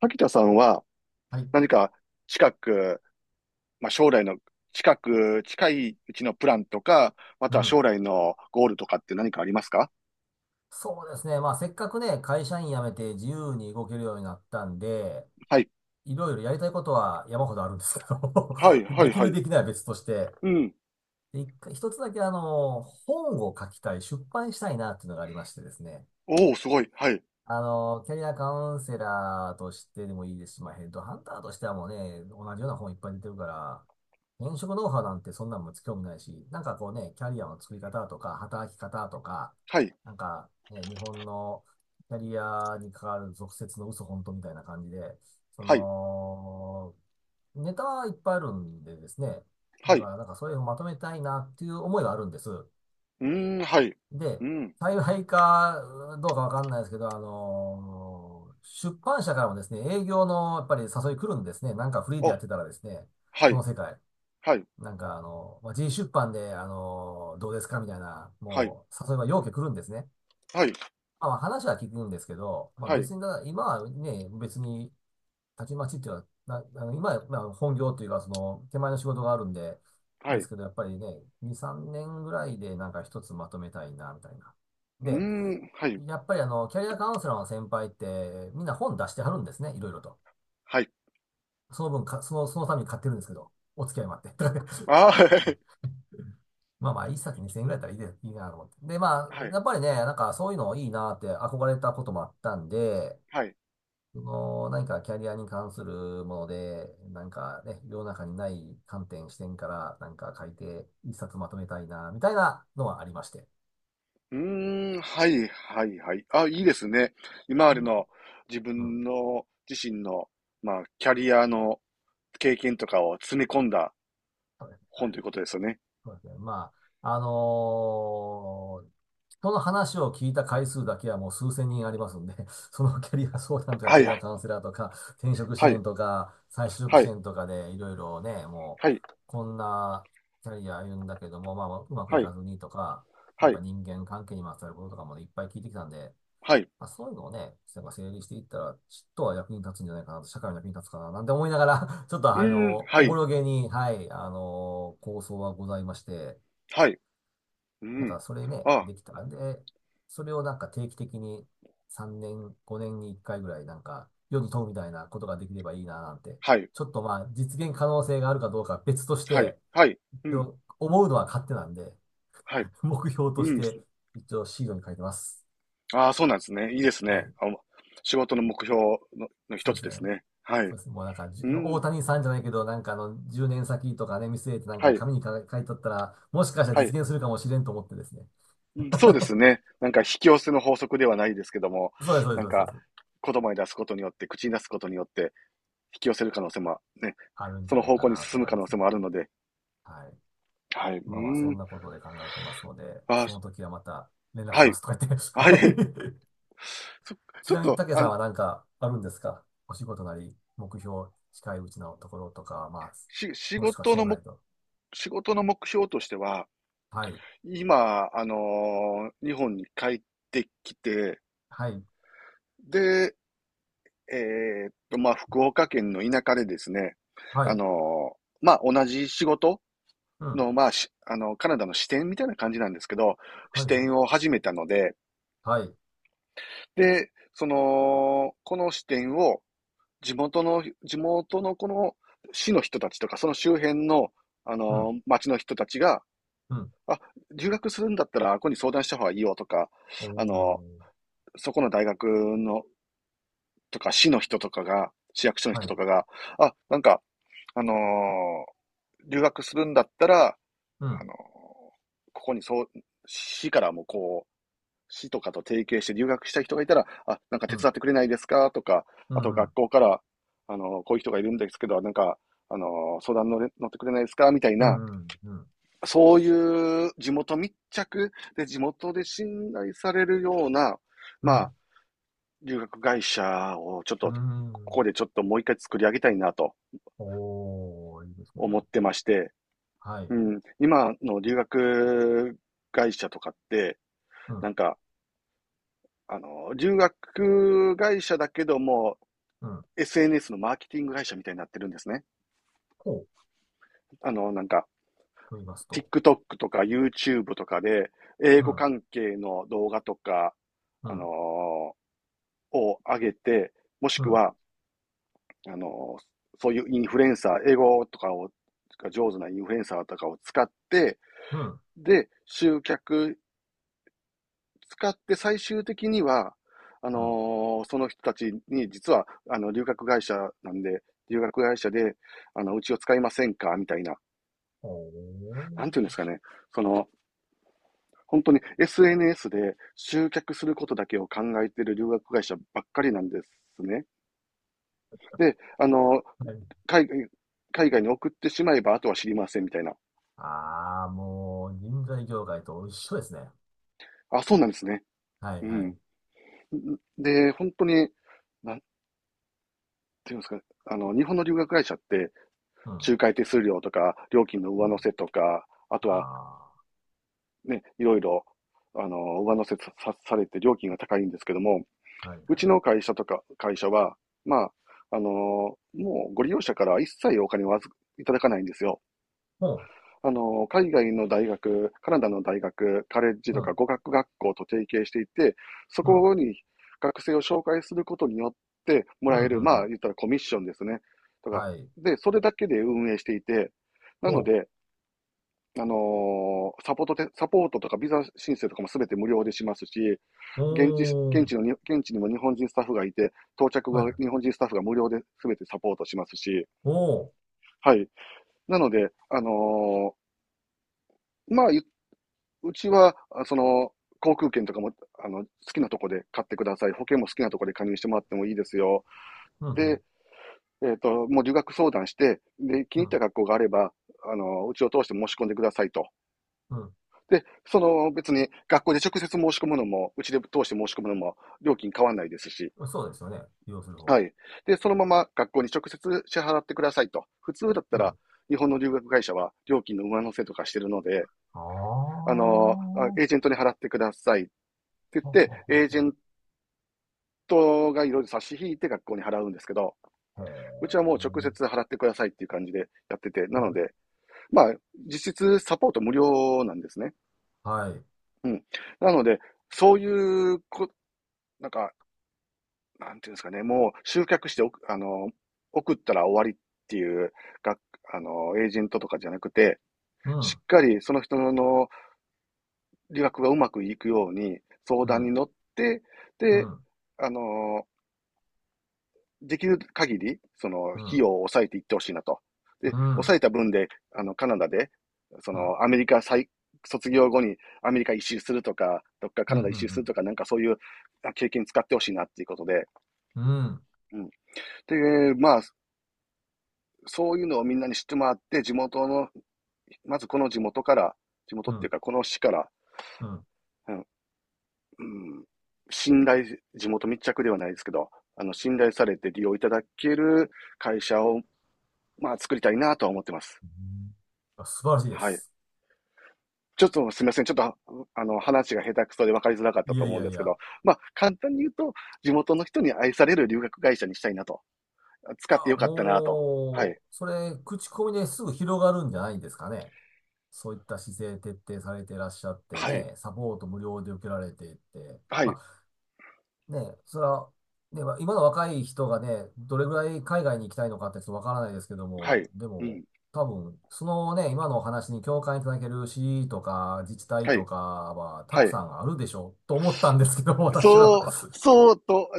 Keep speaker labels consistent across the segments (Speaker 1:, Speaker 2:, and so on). Speaker 1: 滝田さんは
Speaker 2: はい。
Speaker 1: 何か近く、まあ、将来の近く、近いうちのプランとか、ま
Speaker 2: う
Speaker 1: たは
Speaker 2: ん。
Speaker 1: 将来のゴールとかって何かありますか？
Speaker 2: そうですね。まあ、せっかくね、会社員辞めて自由に動けるようになったんで、
Speaker 1: はい。
Speaker 2: いろいろやりたいことは山ほどあるんですけど、
Speaker 1: はい、は
Speaker 2: で
Speaker 1: い、
Speaker 2: き
Speaker 1: は
Speaker 2: る
Speaker 1: い。
Speaker 2: できないは別として、
Speaker 1: うん。
Speaker 2: で一回一つだけ本を書きたい、出版したいなっていうのがありましてですね。
Speaker 1: おお、すごい。はい。
Speaker 2: キャリアカウンセラーとしてでもいいですし、まあ、ヘッドハンターとしてはもうね、同じような本いっぱい出てるから、転職ノウハウなんてそんなんも興味ないし、なんかこうね、キャリアの作り方とか、働き方とか、
Speaker 1: はい、
Speaker 2: なんか、ね、日本のキャリアに関わる俗説の嘘本当みたいな感じで、そ
Speaker 1: はい、
Speaker 2: の、ネタはいっぱいあるんでですね、
Speaker 1: は
Speaker 2: だか
Speaker 1: い。
Speaker 2: らなんかそれをまとめたいなっていう思いはあるんです。
Speaker 1: うーん、はい。
Speaker 2: で、
Speaker 1: うん。
Speaker 2: 幸いかどうかわかんないですけど、ー出版社からもですね、営業のやっぱり誘い来るんですね。なんかフリーでや
Speaker 1: お、
Speaker 2: ってたらですね、
Speaker 1: は
Speaker 2: この
Speaker 1: い、
Speaker 2: 世界、
Speaker 1: はい、
Speaker 2: なんかまあ、G 出版で、どうですかみたいな、
Speaker 1: はい、
Speaker 2: もう誘いは要件来るんですね。
Speaker 1: はい、
Speaker 2: まあまあ話は聞くんですけど、まあ
Speaker 1: はい、
Speaker 2: 別にだ、今はね、別に、たちまちっていうのは、な、あの今はまあ本業というか、その、手前の仕事があるんで、
Speaker 1: はい。
Speaker 2: で
Speaker 1: う
Speaker 2: すけど、やっぱりね、2、3年ぐらいでなんか一つまとめたいな、みたいな。
Speaker 1: ー
Speaker 2: で、
Speaker 1: ん、はい、
Speaker 2: やっぱりキャリアカウンセラーの先輩って、みんな本出してはるんですね、いろいろと。
Speaker 1: はい。
Speaker 2: その分か、その、そのために買ってるんですけど、お付き合いもあって。
Speaker 1: あ、はい、
Speaker 2: まあまあ、一冊2000円ぐらいだったらいいで、いいなと思って。で、ま あ、
Speaker 1: はい、
Speaker 2: やっぱりね、なんかそういうのいいなって憧れたこともあったんで、
Speaker 1: はい。
Speaker 2: その、何かキャリアに関するもので、なんかね、世の中にない観点、視点から、なんか書いて、一冊まとめたいな、みたいなのはありまして。
Speaker 1: うーん、はい、はい、はい。あ、いいですね。今ま
Speaker 2: う
Speaker 1: で
Speaker 2: ん。
Speaker 1: の自
Speaker 2: うん、
Speaker 1: 分の自身の、まあ、キャリアの経験とかを詰め込んだ本ということですよね。
Speaker 2: そうですね。まあ、人の話を聞いた回数だけはもう数千人ありますんで、そのキャリア相談とか
Speaker 1: は
Speaker 2: キャリア
Speaker 1: い、
Speaker 2: カウンセラーとか、転職支
Speaker 1: はい、
Speaker 2: 援とか、再就職
Speaker 1: は
Speaker 2: 支
Speaker 1: い、
Speaker 2: 援とかでいろいろね、もう、
Speaker 1: はい、
Speaker 2: こんなキャリア歩んだけども、まあ、うまくい
Speaker 1: はい、はい、
Speaker 2: かずにとか、や
Speaker 1: は
Speaker 2: っ
Speaker 1: い、
Speaker 2: ぱ人間関係にまつわることとかもねいっぱい聞いてきたんで、まあ、そういうのをね、なんか整理していったら、ちっとは役に立つんじゃないかなと、社会の役に立つかな、なんて思いながら、 ちょっと
Speaker 1: うーん、は
Speaker 2: おぼ
Speaker 1: い、
Speaker 2: ろげに、はい、構想はございまして、
Speaker 1: はい、う
Speaker 2: なん
Speaker 1: ん。
Speaker 2: かそれね、
Speaker 1: あ、
Speaker 2: できたら、で、それをなんか定期的に3年、5年に1回ぐらい、なんか、世に問うみたいなことができればいいな、なんて。
Speaker 1: はい、
Speaker 2: ちょっとまあ、実現可能性があるかどうかは別とし
Speaker 1: はい、
Speaker 2: て、
Speaker 1: はい、う
Speaker 2: 一
Speaker 1: ん、
Speaker 2: 応思うのは勝手なんで、
Speaker 1: は い、
Speaker 2: 目標と
Speaker 1: う
Speaker 2: し
Speaker 1: ん。
Speaker 2: て、一応シードに書いてます。
Speaker 1: ああ、そうなんですね。いいです
Speaker 2: は
Speaker 1: ね。
Speaker 2: い。
Speaker 1: あ、仕事の目標の、の一
Speaker 2: そう
Speaker 1: つ
Speaker 2: です
Speaker 1: で
Speaker 2: ね。
Speaker 1: すね。はい。
Speaker 2: そうですね。もうなんか、じ
Speaker 1: う
Speaker 2: ゅ大
Speaker 1: ん、
Speaker 2: 谷さんじゃないけど、なんか10年先とかね、見据えてなん
Speaker 1: は
Speaker 2: か
Speaker 1: い、
Speaker 2: 紙に書いとったら、もしかしたら
Speaker 1: はい。
Speaker 2: 実現するかもしれんと思ってですね。
Speaker 1: うん、そうです ね。なんか引き寄せの法則ではないですけども、
Speaker 2: そうです、そう
Speaker 1: なん
Speaker 2: です、そうです。
Speaker 1: か
Speaker 2: そうです、
Speaker 1: 言葉に出すことによって、口に出すことによって引き寄せる可能性もね、
Speaker 2: あるん
Speaker 1: そ
Speaker 2: じゃ
Speaker 1: の
Speaker 2: ない
Speaker 1: 方
Speaker 2: か
Speaker 1: 向に
Speaker 2: なと
Speaker 1: 進む
Speaker 2: 思い
Speaker 1: 可
Speaker 2: ま
Speaker 1: 能
Speaker 2: す
Speaker 1: 性
Speaker 2: ね。
Speaker 1: もあるので、
Speaker 2: はい。
Speaker 1: はい。う
Speaker 2: まあまあ、
Speaker 1: ー
Speaker 2: そ
Speaker 1: ん。
Speaker 2: んなことで考えてますので、
Speaker 1: あ、
Speaker 2: そ
Speaker 1: そ、
Speaker 2: の時はまた連絡
Speaker 1: は
Speaker 2: しま
Speaker 1: い。
Speaker 2: すとか言
Speaker 1: は
Speaker 2: っ
Speaker 1: い。
Speaker 2: て。はい。
Speaker 1: そ、
Speaker 2: ち
Speaker 1: ちょっ
Speaker 2: なみに、
Speaker 1: と、
Speaker 2: 竹さんはなんかあるんですか？お仕事なり、目標、近いうちのところとか、まあ、
Speaker 1: し、仕
Speaker 2: もしくは
Speaker 1: 事の
Speaker 2: 将来
Speaker 1: も、
Speaker 2: と。
Speaker 1: 仕事の目標としては、
Speaker 2: はい。
Speaker 1: 今、日本に帰ってきて、
Speaker 2: はい。
Speaker 1: で、まあ、福岡県の田舎でですね、
Speaker 2: はい。
Speaker 1: まあ、同じ仕事
Speaker 2: うん。
Speaker 1: の、まあ、し、カナダの支店みたいな感じなんですけど、
Speaker 2: は
Speaker 1: 支
Speaker 2: い。はい。
Speaker 1: 店を始めたので、
Speaker 2: はい。
Speaker 1: で、その、この支店を地元の、地元のこの市の人たちとか、その周辺の、
Speaker 2: うん。
Speaker 1: 町の人たちが、
Speaker 2: うん。
Speaker 1: あ、留学するんだったら、ここに相談した方がいいよとか、
Speaker 2: お
Speaker 1: あの、
Speaker 2: お、
Speaker 1: そこの大学の、とか、市の人とかが、市役所の
Speaker 2: は
Speaker 1: 人
Speaker 2: い。
Speaker 1: とかが、あ、あのー留学するんだったら、
Speaker 2: う
Speaker 1: あ
Speaker 2: ん、
Speaker 1: のーここにそう、市からもこう、市とかと提携して留学したい人がいたら、あ、なんか
Speaker 2: う
Speaker 1: 手
Speaker 2: ん、
Speaker 1: 伝ってくれないですかとか、
Speaker 2: う
Speaker 1: あと
Speaker 2: ん、う
Speaker 1: 学
Speaker 2: ん、
Speaker 1: 校から、こういう人がいるんですけど、なんか、相談乗ってくれないですかみたい
Speaker 2: うん、
Speaker 1: な、
Speaker 2: うん、うん、
Speaker 1: そういう地元密着で地元で信頼されるような、
Speaker 2: う
Speaker 1: まあ、
Speaker 2: ん、
Speaker 1: 留学会社をちょっ
Speaker 2: う
Speaker 1: と、こ
Speaker 2: ん、
Speaker 1: こでちょっともう一回作り上げたいなと
Speaker 2: おお、いいです
Speaker 1: 思っ
Speaker 2: ね。
Speaker 1: てまして、
Speaker 2: は
Speaker 1: う
Speaker 2: い。
Speaker 1: ん、今の留学会社とかって、
Speaker 2: う
Speaker 1: な
Speaker 2: ん、
Speaker 1: んか、留学会社だけども、
Speaker 2: うん、
Speaker 1: SNS のマーケティング会社みたいになってるんですね。
Speaker 2: こ
Speaker 1: あの、なんか、
Speaker 2: うと言いますと、
Speaker 1: TikTok とか YouTube とかで、英
Speaker 2: う
Speaker 1: 語
Speaker 2: ん、
Speaker 1: 関係の動画とか、
Speaker 2: う
Speaker 1: あの
Speaker 2: ん、
Speaker 1: ーを上げて、もし
Speaker 2: う
Speaker 1: く
Speaker 2: ん、
Speaker 1: は、あのーそういうインフルエンサー、英語とかを、が上手なインフルエンサーとかを使って、
Speaker 2: うん、
Speaker 1: で、集客使って最終的には、
Speaker 2: うん、
Speaker 1: その人たちに、実は、留学会社なんで、留学会社で、うちを使いませんかみたいな、
Speaker 2: おお、
Speaker 1: なんていうんですかね、その、本当に SNS で集客することだけを考えている留学会社ばっかりなんですね。で、
Speaker 2: はい。
Speaker 1: 海外、海外に送ってしまえば、あとは知りませんみたいな。
Speaker 2: ああ、もう、人材業界と一緒ですね。
Speaker 1: あ、そうなんですね。
Speaker 2: はい、
Speaker 1: う
Speaker 2: はい。
Speaker 1: ん。で、本当に、なんていうんですかね、日本の留学会社って、
Speaker 2: うん、
Speaker 1: 仲介手数料とか、料金の
Speaker 2: う
Speaker 1: 上乗
Speaker 2: ん、
Speaker 1: せとか、あとは
Speaker 2: あ
Speaker 1: ね、いろいろ、上乗せされて料金が高いんですけども、
Speaker 2: あ、はい、
Speaker 1: う
Speaker 2: は
Speaker 1: ち
Speaker 2: い。
Speaker 1: の会社とか、会社は、まあ、もうご利用者から一切お金をいただかないんですよ。
Speaker 2: ほ
Speaker 1: 海外の大学、カナダの大学、カレッジ
Speaker 2: う、う
Speaker 1: とか
Speaker 2: ん、
Speaker 1: 語学学校と提携していて、そ
Speaker 2: うん、
Speaker 1: こに学生を紹介することによっても
Speaker 2: うん、
Speaker 1: らえ
Speaker 2: う
Speaker 1: る、
Speaker 2: ん、う
Speaker 1: まあ、
Speaker 2: ん、
Speaker 1: 言ったらコミッションですね。とか、
Speaker 2: はい。
Speaker 1: で、それだけで運営していて、なの
Speaker 2: お
Speaker 1: で、サポートて、サポートとかビザ申請とかもすべて無料でしますし、
Speaker 2: お、
Speaker 1: 現地、
Speaker 2: お
Speaker 1: 現
Speaker 2: お、
Speaker 1: 地のに、現地にも日本人スタッフがいて、到着後
Speaker 2: はい、
Speaker 1: は
Speaker 2: は
Speaker 1: 日
Speaker 2: い。
Speaker 1: 本人スタッフが無料ですべてサポートしますし、
Speaker 2: おお、
Speaker 1: はい。なので、まあ、うちは、その、航空券とかも、好きなとこで買ってください。保険も好きなとこで加入してもらってもいいですよ。
Speaker 2: うん、うん、
Speaker 1: で、えっと、もう留学相談して、で、気に
Speaker 2: う
Speaker 1: 入った
Speaker 2: ん、
Speaker 1: 学校があれば、うちを通して申し込んでくださいと。
Speaker 2: うん。
Speaker 1: で、その別に学校で直接申し込むのも、うちで通して申し込むのも料金変わんないですし、
Speaker 2: そうですよね。利用する方
Speaker 1: は
Speaker 2: は。
Speaker 1: い。で、そのまま学校に直接支払ってくださいと。普通だった
Speaker 2: う
Speaker 1: ら、
Speaker 2: ん。
Speaker 1: 日本の留学会社は料金の上乗せとかしてるので、
Speaker 2: ああ、
Speaker 1: あの、
Speaker 2: は
Speaker 1: エージェントに払ってくださいって言っ
Speaker 2: はは
Speaker 1: て、エージェ
Speaker 2: は。
Speaker 1: ントがいろいろ差し引いて学校に払うんですけど、
Speaker 2: へ
Speaker 1: うちはもう直
Speaker 2: え。
Speaker 1: 接払ってくださいっていう感じでやってて、な
Speaker 2: は
Speaker 1: の
Speaker 2: い。
Speaker 1: で、まあ、実質サポート無料なんですね。
Speaker 2: はい。
Speaker 1: うん。なので、そういうこ、なんか、なんていうんですかね、もう集客しておく、送ったら終わりっていう、が、エージェントとかじゃなくて、
Speaker 2: う
Speaker 1: し
Speaker 2: ん。
Speaker 1: っかりその人の理学がうまくいくように相
Speaker 2: う
Speaker 1: 談に
Speaker 2: ん。
Speaker 1: 乗って、
Speaker 2: う
Speaker 1: で、
Speaker 2: ん。
Speaker 1: あの、できる限り、その、
Speaker 2: う
Speaker 1: 費
Speaker 2: ん。
Speaker 1: 用を抑えていってほしいなと。で、
Speaker 2: う
Speaker 1: 抑
Speaker 2: ん。
Speaker 1: えた分で、カナダで、そ
Speaker 2: うん。うん。
Speaker 1: の、アメリカ再、卒業後にアメリカ一周するとか、どっかカ
Speaker 2: う
Speaker 1: ナダ一周する
Speaker 2: ん。
Speaker 1: とか、なんかそういう経験使ってほしいなっていうことで、
Speaker 2: うん。
Speaker 1: うん。で、まあ、そういうのをみんなに知ってもらって、地元の、まずこの地元から、地元
Speaker 2: う
Speaker 1: っていう
Speaker 2: ん。
Speaker 1: か、この市から、
Speaker 2: うん、
Speaker 1: うん、うん、信頼、地元密着ではないですけど、信頼されて利用いただける会社を、まあ、作りたいなとは思ってます。
Speaker 2: うん、あ、素晴らしいで
Speaker 1: はい。
Speaker 2: す。
Speaker 1: ちょっとすみません。ちょっと、話が下手くそで分かりづらかった
Speaker 2: い
Speaker 1: と
Speaker 2: やい
Speaker 1: 思うん
Speaker 2: や
Speaker 1: で
Speaker 2: い
Speaker 1: すけ
Speaker 2: や。
Speaker 1: ど、まあ、簡単に言うと、地元の人に愛される留学会社にしたいなと。
Speaker 2: い
Speaker 1: 使って
Speaker 2: や、
Speaker 1: よかったなと。は
Speaker 2: も
Speaker 1: い。
Speaker 2: う、それ、口コミですぐ広がるんじゃないんですかね。そういった姿勢徹底されていらっしゃって
Speaker 1: はい。
Speaker 2: ね、サポート無料で受けられていって。
Speaker 1: はい。
Speaker 2: ま、ね、それは、ね、まあ今の若い人がね、どれぐらい海外に行きたいのかってちょっとわからないですけど
Speaker 1: は
Speaker 2: も、
Speaker 1: い。
Speaker 2: で
Speaker 1: う
Speaker 2: も、
Speaker 1: ん。
Speaker 2: 多分、そのね、今のお話に共感いただける市とか自治体
Speaker 1: は
Speaker 2: と
Speaker 1: い。
Speaker 2: かはた
Speaker 1: は
Speaker 2: く
Speaker 1: い。
Speaker 2: さんあるでしょうと思ったんですけど、私は。
Speaker 1: そう、そうと、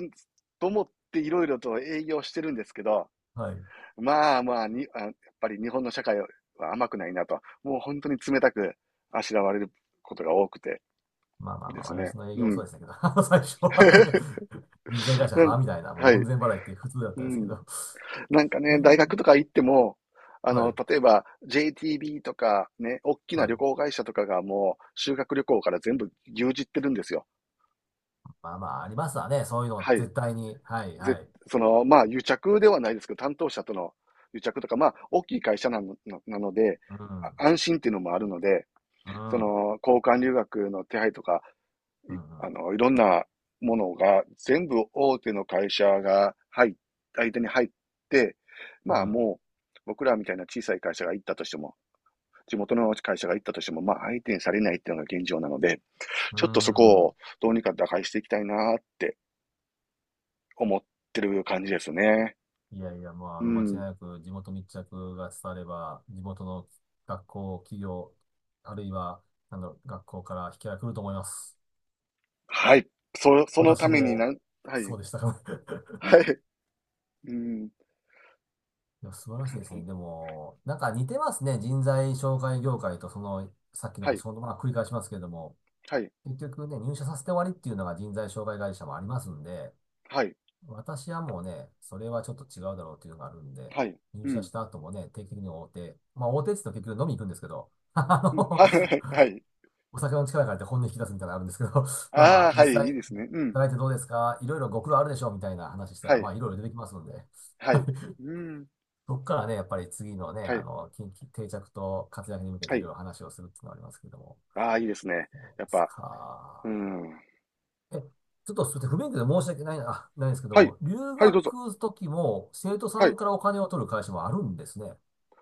Speaker 1: と思っていろいろと営業してるんですけど、
Speaker 2: はい。
Speaker 1: まあまあに、あ、やっぱり日本の社会は甘くないなと、もう本当に冷たくあしらわれることが多くて
Speaker 2: まあまあま
Speaker 1: で
Speaker 2: あ、
Speaker 1: すね。
Speaker 2: 私の営業
Speaker 1: う
Speaker 2: もそう
Speaker 1: ん。
Speaker 2: でしたけど、あの最初はね、人材会社
Speaker 1: なん、
Speaker 2: はみたいな、もう
Speaker 1: はい。
Speaker 2: 門前払いって普通だっ
Speaker 1: う
Speaker 2: たんですけ
Speaker 1: ん。
Speaker 2: ど。
Speaker 1: なんか
Speaker 2: え
Speaker 1: ね、大
Speaker 2: ー
Speaker 1: 学とか行っても、
Speaker 2: はい。
Speaker 1: 例えば JTB とかね、大き
Speaker 2: は
Speaker 1: な
Speaker 2: い。
Speaker 1: 旅行会社とかがもう修学旅行から全部牛耳ってるんですよ。
Speaker 2: まあまあ、ありますわね。そういうの、
Speaker 1: はい。
Speaker 2: 絶対に。はい、
Speaker 1: ぜ、
Speaker 2: はい。
Speaker 1: その、まあ、癒着ではないですけど、担当者との癒着とか、まあ、大きい会社なの、なので、
Speaker 2: うん。
Speaker 1: 安心っていうのもあるので、
Speaker 2: うん。
Speaker 1: そ
Speaker 2: うん。
Speaker 1: の、交換留学の手配とか、
Speaker 2: う
Speaker 1: い、
Speaker 2: ん。
Speaker 1: いろんなものが、全部大手の会社が入っ、相手に入って、
Speaker 2: う
Speaker 1: まあ、
Speaker 2: ん、
Speaker 1: もう、僕らみたいな小さい会社が行ったとしても、地元の会社が行ったとしても、まあ、相手にされないっていうのが現状なので、
Speaker 2: う
Speaker 1: ちょっとそこ
Speaker 2: ん。
Speaker 1: をどうにか打開していきたいなって思ってる感じですね。
Speaker 2: いやいや、もうあ
Speaker 1: う
Speaker 2: の、間違い
Speaker 1: ん。
Speaker 2: なく地元密着が伝われば、地元の学校、企業、あるいは、なんだろう、学校から引き合いが来ると思います。
Speaker 1: はい。そ、そのた
Speaker 2: 私
Speaker 1: めに
Speaker 2: も、
Speaker 1: なん、は
Speaker 2: そ
Speaker 1: い、
Speaker 2: うでしたから。
Speaker 1: はい、うん。
Speaker 2: いや、素晴
Speaker 1: だ
Speaker 2: らし
Speaker 1: か
Speaker 2: い
Speaker 1: ら
Speaker 2: で
Speaker 1: そ
Speaker 2: す
Speaker 1: の、
Speaker 2: ね。でも、なんか似てますね。人材紹介業界と、その、さっき
Speaker 1: は
Speaker 2: の
Speaker 1: い、
Speaker 2: 仕事、まあ、繰り返しますけれども、
Speaker 1: はい、
Speaker 2: 結局ね、入社させて終わりっていうのが人材紹介会社もありますんで、
Speaker 1: はい、
Speaker 2: 私はもうね、それはちょっと違うだろうっていうのがあるんで、
Speaker 1: はい、
Speaker 2: 入
Speaker 1: う
Speaker 2: 社
Speaker 1: ん、
Speaker 2: した後もね、定期的に大手、まあ大手って言うと結局飲みに行くんですけど、あ
Speaker 1: うん、
Speaker 2: の、
Speaker 1: はい、はい。
Speaker 2: お酒の力借りて本音引き出すみたいなのあるんですけど、まあま
Speaker 1: ああ、
Speaker 2: あ、
Speaker 1: は
Speaker 2: 実
Speaker 1: い、いい
Speaker 2: 際、
Speaker 1: ですね。うん、
Speaker 2: 働いてどうですかいろいろご苦労あるでしょうみたいな話した
Speaker 1: は
Speaker 2: ら、ま
Speaker 1: い、
Speaker 2: あいろいろ出てきますので、
Speaker 1: はい、うん、
Speaker 2: そこからね、やっぱり次のね、
Speaker 1: は
Speaker 2: あ
Speaker 1: い、
Speaker 2: の、近畿定着と活躍に向け
Speaker 1: は
Speaker 2: ていろ
Speaker 1: い。
Speaker 2: いろ話をするっていうのがありますけれども。
Speaker 1: ああ、いいですね。
Speaker 2: で
Speaker 1: やっ
Speaker 2: す
Speaker 1: ぱ、う
Speaker 2: か。
Speaker 1: ん。
Speaker 2: え、ちょっとすみません、不勉強で申し訳ないな、あ、ないんですけど
Speaker 1: はい、
Speaker 2: も、留
Speaker 1: はい、どうぞ。
Speaker 2: 学時も生徒さ
Speaker 1: は
Speaker 2: ん
Speaker 1: い。
Speaker 2: からお金を取る会社もあるんですね。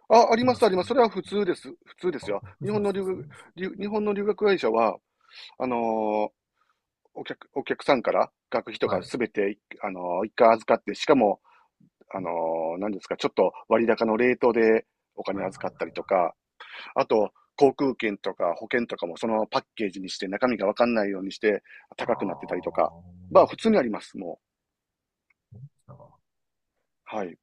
Speaker 1: あ、ありま
Speaker 2: 今
Speaker 1: す、
Speaker 2: ち
Speaker 1: あり
Speaker 2: ょっと、
Speaker 1: ます。それは普通です。普通です
Speaker 2: あ、
Speaker 1: よ。
Speaker 2: びっくり
Speaker 1: 日
Speaker 2: し
Speaker 1: 本
Speaker 2: ま
Speaker 1: の
Speaker 2: した。
Speaker 1: 留
Speaker 2: そ
Speaker 1: 学、
Speaker 2: うです。
Speaker 1: 日本の留学会社は、あのーお客、お客さんから学費と
Speaker 2: は
Speaker 1: か
Speaker 2: い。
Speaker 1: すべて、一回預かって、しかも、あの何ですか、ちょっと割高のレートでお金
Speaker 2: はい、はい、はい、は
Speaker 1: 預か
Speaker 2: い。
Speaker 1: ったりとか、あと、航空券とか保険とかもそのパッケージにして中身がわかんないようにして
Speaker 2: あ
Speaker 1: 高くなってたりとか、
Speaker 2: ー、
Speaker 1: まあ普通にあります、も
Speaker 2: なんか
Speaker 1: う。はい。